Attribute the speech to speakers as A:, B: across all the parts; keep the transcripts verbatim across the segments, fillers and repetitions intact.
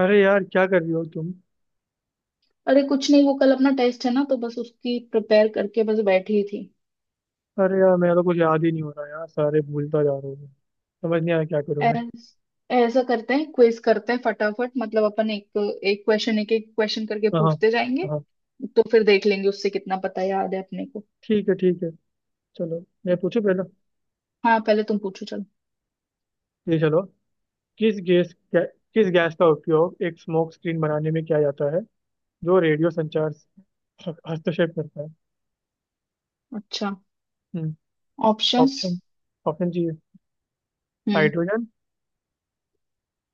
A: अरे यार क्या कर रही हो तुम।
B: अरे कुछ नहीं, वो कल अपना टेस्ट है ना तो बस उसकी प्रिपेयर करके बस बैठी ही थी।
A: अरे यार मेरा तो कुछ याद ही नहीं हो रहा यार, सारे भूलता जा रहा हूँ मैं। समझ नहीं आ रहा क्या करूँ मैं।
B: ऐस- ऐसा करते हैं, क्विज करते हैं फटाफट, मतलब अपन एक एक क्वेश्चन एक एक क्वेश्चन करके
A: हाँ हाँ
B: पूछते जाएंगे,
A: हाँ,
B: तो फिर देख लेंगे उससे कितना पता याद है अपने को।
A: ठीक है ठीक है। चलो मैं पूछूं पहला।
B: हाँ पहले तुम पूछो, चलो।
A: ये चलो। किस गैस गै, किस गैस का उपयोग एक स्मोक स्क्रीन बनाने में किया जाता है जो रेडियो संचार से ह- हस्तक्षेप करता है?
B: अच्छा,
A: हम्म।
B: ऑप्शंस।
A: ऑप्शन ऑप्शन जी।
B: हम्म
A: हाइड्रोजन,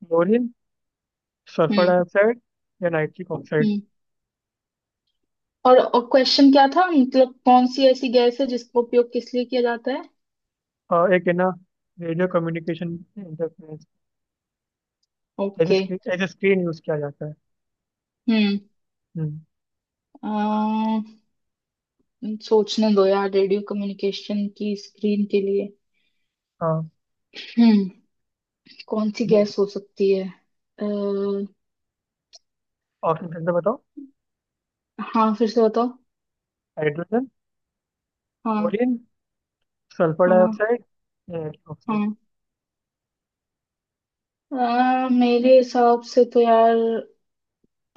A: क्लोरीन, सल्फर
B: हम्म
A: डाइऑक्साइड या नाइट्रिक ऑक्साइड।
B: हम्म। और और क्वेश्चन क्या था, मतलब कौन सी ऐसी गैस है जिसका उपयोग किस लिए किया जाता है।
A: आ, एक है ना, radio communication interference as
B: okay.
A: A screen use किया जाता है।
B: हम्म।
A: हम्म।
B: अम, सोचने दो यार, रेडियो कम्युनिकेशन की स्क्रीन के लिए।
A: हाँ,
B: हम्म। कौन सी गैस हो सकती है। अः
A: ऑप्शन फिर से बताओ।
B: हाँ फिर से बताओ।
A: हाइड्रोजन,
B: हाँ
A: क्लोरीन, सल्फर
B: हाँ
A: डाइऑक्साइड या रेडियो ऑक्साइड।
B: हाँ। अ, मेरे हिसाब से तो यार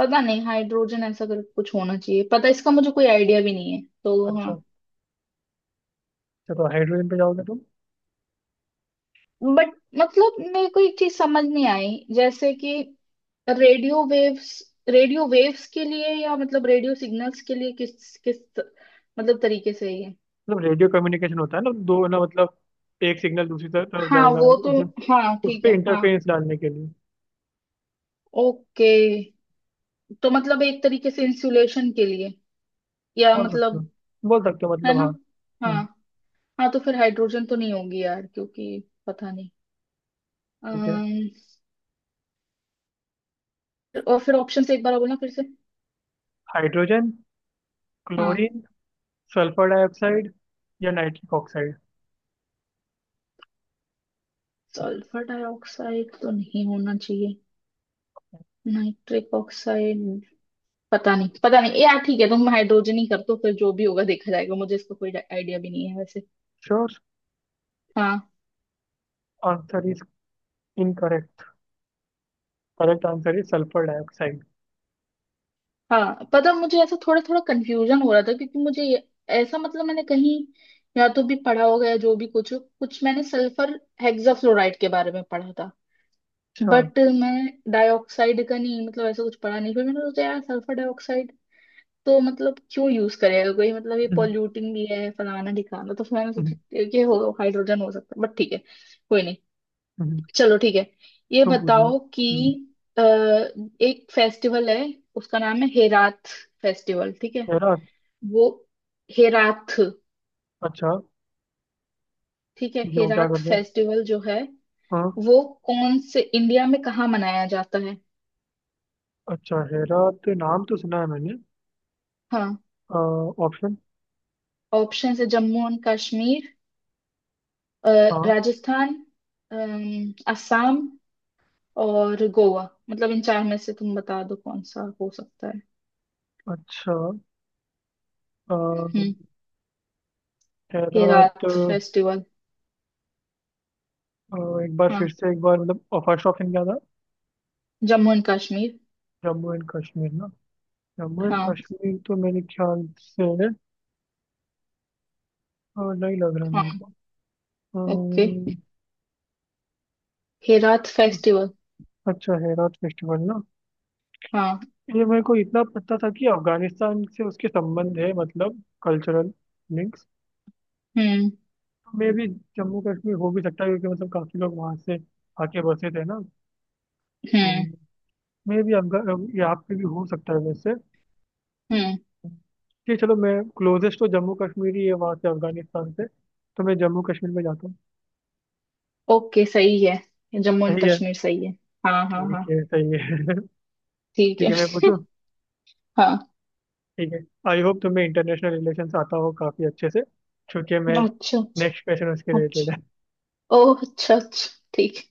B: पता नहीं, हाइड्रोजन ऐसा कर कुछ होना चाहिए, पता इसका मुझे कोई आइडिया भी नहीं है तो
A: अच्छा।
B: हाँ।
A: अच्छा, तो हाइड्रोजन पे जाओगे तुम?
B: बट मतलब मेरे को एक चीज समझ नहीं आई, जैसे कि रेडियो वेव्स, रेडियो वेव्स के लिए या मतलब रेडियो सिग्नल्स के लिए किस किस मतलब तरीके से ये।
A: मतलब रेडियो कम्युनिकेशन होता है ना, दो ना मतलब एक सिग्नल दूसरी तर- तरफ
B: हाँ
A: जाएगा।
B: वो तो,
A: इसे-
B: हाँ
A: उस
B: ठीक
A: पे
B: है, हाँ।
A: इंटरफेरेंस डालने के लिए।
B: ओके, तो मतलब एक तरीके से इंसुलेशन के लिए या
A: बोल सकते हो,
B: मतलब,
A: बोल सकते हो,
B: है
A: मतलब
B: ना।
A: हाँ।
B: हाँ।
A: हम्म,
B: हाँ तो फिर हाइड्रोजन तो नहीं होगी यार क्योंकि पता नहीं।
A: ठीक है।
B: अम्म, और फिर ऑप्शन से एक बार बोलना फिर से।
A: हाइड्रोजन,
B: हाँ।
A: क्लोरीन, सल्फर डाइऑक्साइड या नाइट्रिक ऑक्साइड।
B: सल्फर डाइऑक्साइड तो नहीं होना चाहिए, नाइट्रिक ऑक्साइड। पता नहीं पता नहीं यार, ठीक है तुम हाइड्रोजन ही कर दो, फिर जो भी होगा देखा जाएगा, मुझे इसका कोई आइडिया भी नहीं है वैसे।
A: श्योर।
B: हाँ।
A: Answer is incorrect. Correct answer is sulphur dioxide.
B: हाँ पता, मुझे ऐसा थोड़ा थोड़ा कंफ्यूजन हो रहा था क्योंकि मुझे ये- ऐसा मतलब मैंने कहीं या तो भी पढ़ा होगा, या जो भी कुछ कुछ मैंने सल्फर हेक्साफ्लोराइड के बारे में पढ़ा था,
A: अच्छा।
B: बट मैं डाइऑक्साइड का नहीं मतलब ऐसा कुछ पढ़ा नहीं, फिर मैंने सोचा यार सल्फर डाइऑक्साइड तो मतलब क्यों यूज करेगा कोई, मतलब ये
A: हम्म,
B: पॉल्यूटिंग भी है फलाना ढिकाना, तो फिर मैंने
A: हम्म,
B: सोचा कि हो हाइड्रोजन हो सकता है, बट ठीक है कोई नहीं,
A: हम्म,
B: चलो ठीक है। ये
A: तुम पूछ लो।
B: बताओ कि
A: हम्म।
B: अ, एक फेस्टिवल है, उसका नाम है हेरात फेस्टिवल, ठीक है।
A: हेरा?
B: वो हेराथ।
A: अच्छा।
B: ठीक है
A: ये वो क्या
B: हेराथ
A: करता है?
B: फेस्टिवल जो है
A: हाँ।
B: वो कौन से इंडिया में कहाँ मनाया जाता है।
A: अच्छा, हेरा तो नाम तो सुना है मैंने।
B: हाँ,
A: ऑप्शन।
B: ऑप्शन है जम्मू एंड कश्मीर, अ,
A: हाँ।
B: राजस्थान, अम, असम और गोवा, मतलब इन चार में से तुम बता दो कौन सा हो सकता है।
A: अच्छा। अ,
B: हम्म।
A: हेरा तो,
B: हेराथ फेस्टिवल।
A: अ, एक बार फिर
B: हाँ
A: से, एक बार मतलब फर्स्ट ऑप्शन क्या था?
B: जम्मू एंड कश्मीर।
A: जम्मू एंड कश्मीर ना? जम्मू एंड
B: हाँ
A: कश्मीर तो मेरे ख्याल से अ, नहीं लग रहा मेरे
B: हाँ।
A: को।
B: ओके। हेराथ
A: अ,
B: फेस्टिवल।
A: अच्छा, हेरा फेस्टिवल ना?
B: हाँ।
A: ये मेरे को इतना पता था कि अफगानिस्तान से उसके संबंध है, मतलब कल्चरल लिंक्स
B: हम्म
A: मे भी। जम्मू कश्मीर हो भी सकता है, क्योंकि मतलब काफी लोग वहां से आके बसे थे ना। तो
B: हम्म
A: मे भी यहाँ पे भी हो सकता है वैसे।
B: हम्म।
A: ठीक, चलो मैं, क्लोजेस्ट तो जम्मू कश्मीर ही है, वहां से अफगानिस्तान से। तो मैं जम्मू कश्मीर में जाता हूँ।
B: ओके सही है, जम्मू एंड
A: सही है।
B: कश्मीर सही है। हाँ हाँ
A: ठीक
B: हाँ।
A: है, सही है। ठीक
B: ठीक है।
A: है, मैं पूछूँ।
B: हाँ
A: ठीक है। आई होप तुम्हें इंटरनेशनल रिलेशन आता हो काफी अच्छे से, क्योंकि मैं,
B: अच्छा
A: नेक्स्ट क्वेश्चन उसके रिलेटेड है।
B: अच्छा। ओह अच्छा अच्छा ठीक है।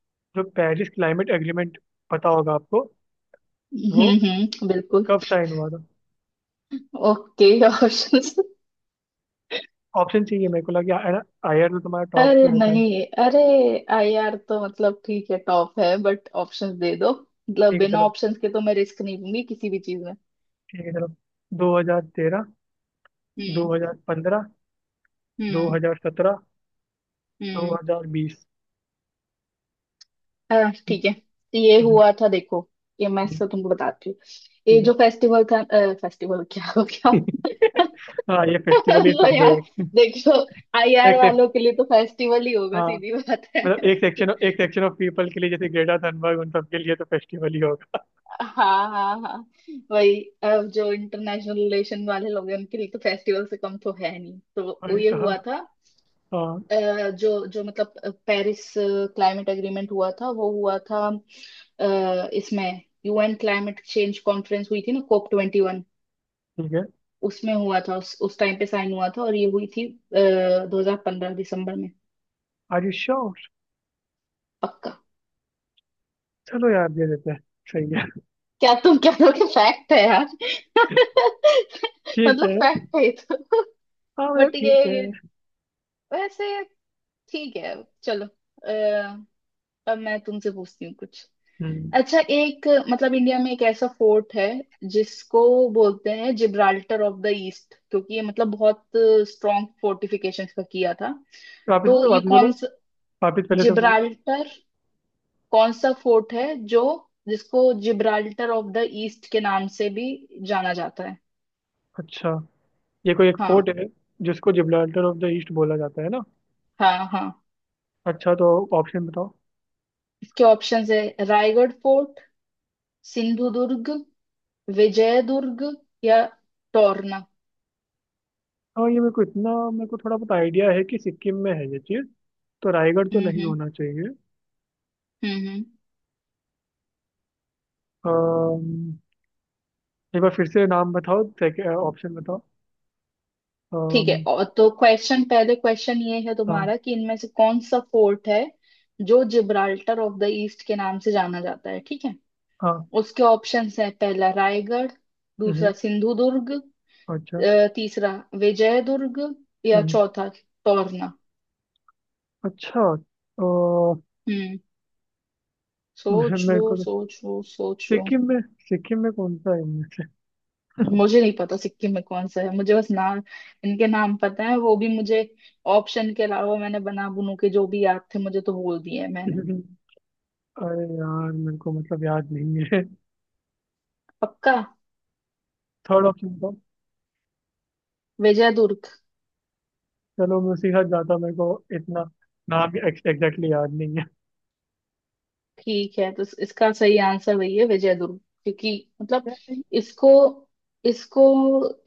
A: जो पेरिस क्लाइमेट एग्रीमेंट, पता होगा आपको, वो
B: हम्म हम्म बिल्कुल।
A: कब साइन हुआ था?
B: Okay options.
A: ऑप्शन चाहिए मेरे को, लगे आयर तो तुम्हारा टॉप पे
B: अरे
A: होता है।
B: नहीं अरे, आई आर तो मतलब ठीक है टॉप है, बट ऑप्शंस दे दो, मतलब
A: ठीक है
B: बिना
A: चलो,
B: ऑप्शंस के तो मैं रिस्क नहीं लूंगी किसी भी चीज में।
A: ठीक है चलो। दो हजार तेरह, दो
B: हम्म
A: हजार पंद्रह दो
B: हम्म
A: हजार सत्रह दो
B: हम्म।
A: हजार बीस
B: अह,
A: हम्म,
B: ठीक है। ये
A: हम्म,
B: हुआ था देखो, ये मैं
A: हम्म,
B: से तुमको बताती हूँ, ये
A: ठीक है।
B: जो फेस्टिवल था, फेस्टिवल क्या हो गया
A: हाँ, ये फेस्टिवल ही
B: लो
A: समझो
B: यार,
A: एक।
B: देखो आईआर
A: एक से,
B: वालों के लिए तो फेस्टिवल ही होगा,
A: हाँ,
B: सीधी बात है,
A: मतलब एक
B: ठीक है।
A: सेक्शन एक सेक्शन ऑफ पीपल के लिए, जैसे ग्रेटा थनबर्ग उन सबके लिए तो फेस्टिवल ही होगा।
B: हाँ हाँ हाँ। वही अब जो इंटरनेशनल रिलेशन वाले लोग हैं उनके लिए तो फेस्टिवल से कम तो है नहीं, तो वो
A: वही
B: ये
A: तो, हाँ,
B: हुआ था।
A: हाँ,
B: अ, जो जो मतलब अ, पेरिस क्लाइमेट एग्रीमेंट हुआ था वो हुआ था, अ, इसमें यूएन क्लाइमेट चेंज कॉन्फ्रेंस हुई थी ना, कोप ट्वेंटी वन।
A: ठीक है।
B: उसमें हुआ था, उस उस टाइम पे साइन हुआ था, और ये हुई थी दो हजार पंद्रह दिसंबर में।
A: Are you sure?
B: पक्का।
A: चलो यार, दे देते हैं। सही है।
B: क्या तुम कह रहे हो कि फैक्ट है यार
A: ठीक
B: मतलब
A: है।
B: फैक्ट है ये तो।
A: हाँ मतलब
B: बट
A: ठीक है।
B: ये वैसे ठीक है, चलो अ, अब मैं तुमसे पूछती हूँ कुछ।
A: हम्म।
B: अच्छा एक मतलब इंडिया में एक ऐसा फोर्ट है जिसको बोलते हैं जिब्राल्टर ऑफ द ईस्ट, क्योंकि ये मतलब बहुत स्ट्रॉन्ग फोर्टिफिकेशंस का किया था।
A: वापिस
B: तो ये
A: वापिस बोलो,
B: कौन सा,
A: वापिस पहले तो बोला।
B: जिब्राल्टर कौन सा फोर्ट है, जो जिसको जिब्राल्टर ऑफ द ईस्ट के नाम से भी जाना जाता है।
A: अच्छा, ये कोई एक
B: हाँ
A: फोर्ट है जिसको जिब्राल्टर ऑफ द ईस्ट बोला जाता है ना?
B: हाँ हाँ,
A: अच्छा तो ऑप्शन बताओ।
B: इसके ऑप्शंस है रायगढ़ फोर्ट, सिंधु दुर्ग, विजय दुर्ग, या टोरना।
A: हाँ, ये मेरे को इतना, मेरे को थोड़ा बहुत आइडिया है कि सिक्किम में है ये चीज़, तो रायगढ़ तो
B: हम्म
A: नहीं
B: हम्म।
A: होना चाहिए।
B: हम्म हम्म।
A: अम्म, एक बार फिर से नाम बताओ, सेकंड ऑप्शन बताओ।
B: ठीक
A: अम्म,
B: है, और तो क्वेश्चन पहले, क्वेश्चन ये है
A: हाँ
B: तुम्हारा कि इनमें से कौन सा फोर्ट है जो जिब्राल्टर ऑफ द ईस्ट के नाम से जाना जाता है, ठीक है।
A: हाँ।
B: उसके ऑप्शंस है, पहला रायगढ़,
A: हम्म,
B: दूसरा सिंधु दुर्ग,
A: अच्छा।
B: अ, तीसरा विजय दुर्ग, या
A: हम्म,
B: चौथा टोरना।
A: अच्छा। अ,
B: हम्म।
A: मे-
B: सोच
A: मेरे
B: लो
A: को तो,
B: सोच लो सोच लो।
A: सिक्किम में सिक्किम में कौन सा है इनमें से?
B: मुझे नहीं पता सिक्किम में कौन सा है, मुझे बस नाम, इनके नाम पता है वो भी मुझे ऑप्शन के अलावा, मैंने बना बुनू के जो भी याद थे मुझे तो बोल दिए हैं मैंने।
A: अरे यार, मेरे को मतलब याद नहीं है।
B: पक्का।
A: Third option.
B: विजयदुर्ग।
A: चलो मैं उसी के साथ जाता, मेरे को इतना नाम एग्जैक्टली याद नहीं है।
B: ठीक है तो इस- इसका सही आंसर वही है, विजयदुर्ग। क्योंकि मतलब इसको इसको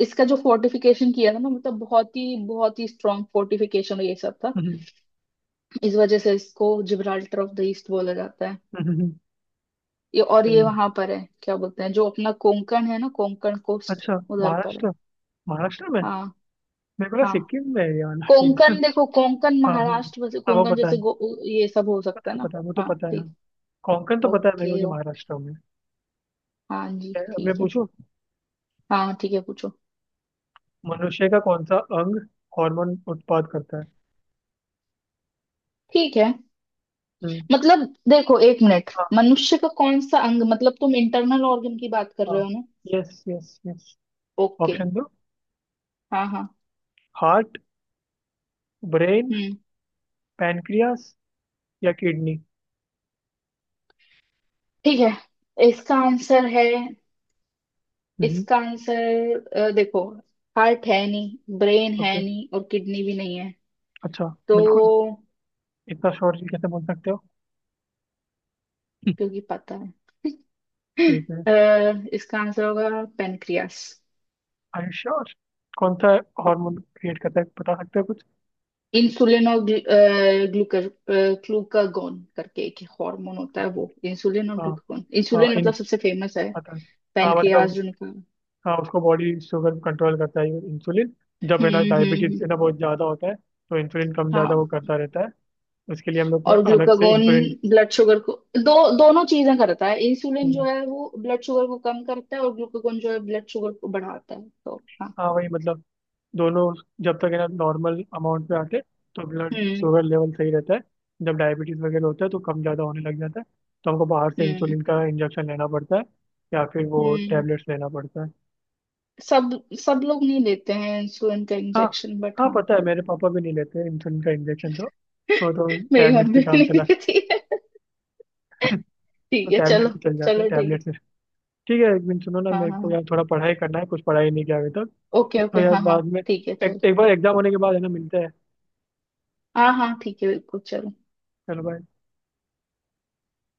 B: इसका जो फोर्टिफिकेशन किया था ना, मतलब बहुत ही बहुत ही स्ट्रांग फोर्टिफिकेशन ये सब था,
A: हम्म,
B: इस वजह से इसको जिब्राल्टर ऑफ द ईस्ट बोला जाता है।
A: हम्म,
B: ये और ये
A: सही है।
B: वहां पर है क्या बोलते हैं, जो अपना कोंकण है ना, कोंकण कोस्ट
A: अच्छा
B: उधर पर है।
A: महाराष्ट्र, महाराष्ट्र में?
B: हाँ
A: मेरे को लगा
B: हाँ,
A: सिक्किम में है ये वाला चीज।
B: कोंकण देखो, कोंकण
A: हाँ हाँ,
B: महाराष्ट्र, वैसे
A: हाँ वो
B: कोंकण
A: पता
B: जैसे
A: है।
B: गो, ये सब हो
A: पता
B: सकता है
A: है
B: ना।
A: पता है, वो तो
B: हाँ
A: पता है, हाँ।
B: ठीक।
A: कोंकण तो पता है मेरे को
B: ओके
A: कि
B: ओ
A: महाराष्ट्र में
B: हाँ जी
A: है। अब मैं
B: ठीक है।
A: पूछूं।
B: हाँ ठीक है पूछो।
A: मनुष्य का कौन सा अंग हार्मोन उत्पाद करता है?
B: ठीक है,
A: हम्म,
B: मतलब देखो एक मिनट,
A: हाँ,
B: मनुष्य का कौन सा अंग, मतलब तुम इंटरनल ऑर्गन की बात कर रहे
A: हाँ,
B: हो ना।
A: Yes yes yes.
B: Okay.
A: Option दो।
B: हाँ हाँ।
A: हार्ट, ब्रेन,
B: हम्म।
A: पैनक्रियास या किडनी।
B: ठीक है इसका आंसर है,
A: हम्म।
B: इसका आंसर अ, देखो हार्ट है नहीं, ब्रेन
A: ओके,
B: है नहीं, और किडनी भी नहीं है।
A: अच्छा बिल्कुल,
B: तो
A: इतना शोर जी कैसे बोल सकते हो?
B: क्योंकि पता है,
A: ठीक है।
B: अ, इसका आंसर होगा पेनक्रियास।
A: Are you sure? कौन सा हार्मोन क्रिएट करता है, बता सकते हो कुछ?
B: इंसुलिन और ग्लूकर ग्लूकागोन करके एक हार्मोन होता है, वो इंसुलिन और
A: हाँ,
B: ग्लूकागोन,
A: हाँ,
B: इंसुलिन
A: इन,
B: मतलब सबसे फेमस है,
A: पता है। हाँ
B: पेनक्रियास
A: मतलब,
B: जो निकल।
A: हाँ उसको बॉडी शुगर कंट्रोल करता है इंसुलिन। जब है ना
B: हम्म हम्म
A: डायबिटीज
B: हम्म,
A: है ना बहुत ज़्यादा होता है तो इंसुलिन कम
B: हाँ।
A: ज़्यादा वो करता रहता है। उसके लिए हम लोग
B: और
A: को अलग से
B: ग्लूकागोन
A: इंसुलिन,
B: ब्लड शुगर को, दो दोनों चीजें करता है, इंसुलिन जो है वो ब्लड शुगर को कम करता है, और ग्लूकागोन जो है ब्लड शुगर को बढ़ाता है, तो हाँ।
A: हाँ वही मतलब, दोनों जब तक है ना नॉर्मल अमाउंट पे आते, तो ब्लड
B: हम्म
A: शुगर लेवल सही रहता है। जब डायबिटीज वगैरह होता है तो कम ज़्यादा होने लग जाता है, तो हमको बाहर से
B: हम्म
A: इंसुलिन का इंजेक्शन लेना पड़ता है, या फिर वो
B: हम्म।
A: टेबलेट्स लेना पड़ता है।
B: सब सब लोग नहीं लेते हैं इंसुलिन का
A: हाँ,
B: इंजेक्शन, बट
A: हाँ
B: हाँ।
A: पता है मेरे पापा भी नहीं लेते इंसुलिन का इंजेक्शन, तो तो, तो
B: मेरी
A: टैबलेट से
B: मम्मी भी
A: काम
B: नहीं
A: चला।
B: देती है,
A: तो
B: ठीक है
A: टैबलेट
B: चलो।
A: से चल जाता है,
B: चलो ठीक है
A: टैबलेट से। ठीक है, एक दिन सुनो ना
B: हाँ
A: मेरे
B: हाँ
A: को
B: हाँ,
A: यार, थोड़ा पढ़ाई करना है, कुछ पढ़ाई नहीं किया अभी तक।
B: ओके ओके हाँ okay,
A: तो
B: okay,
A: यार
B: हाँ हाँ।
A: बाद में
B: ठीक है
A: एक,
B: चलो,
A: एक बार एग्जाम होने के बाद है ना, मिलते हैं।
B: हाँ हाँ ठीक है बिल्कुल चलो।
A: चलो बाय।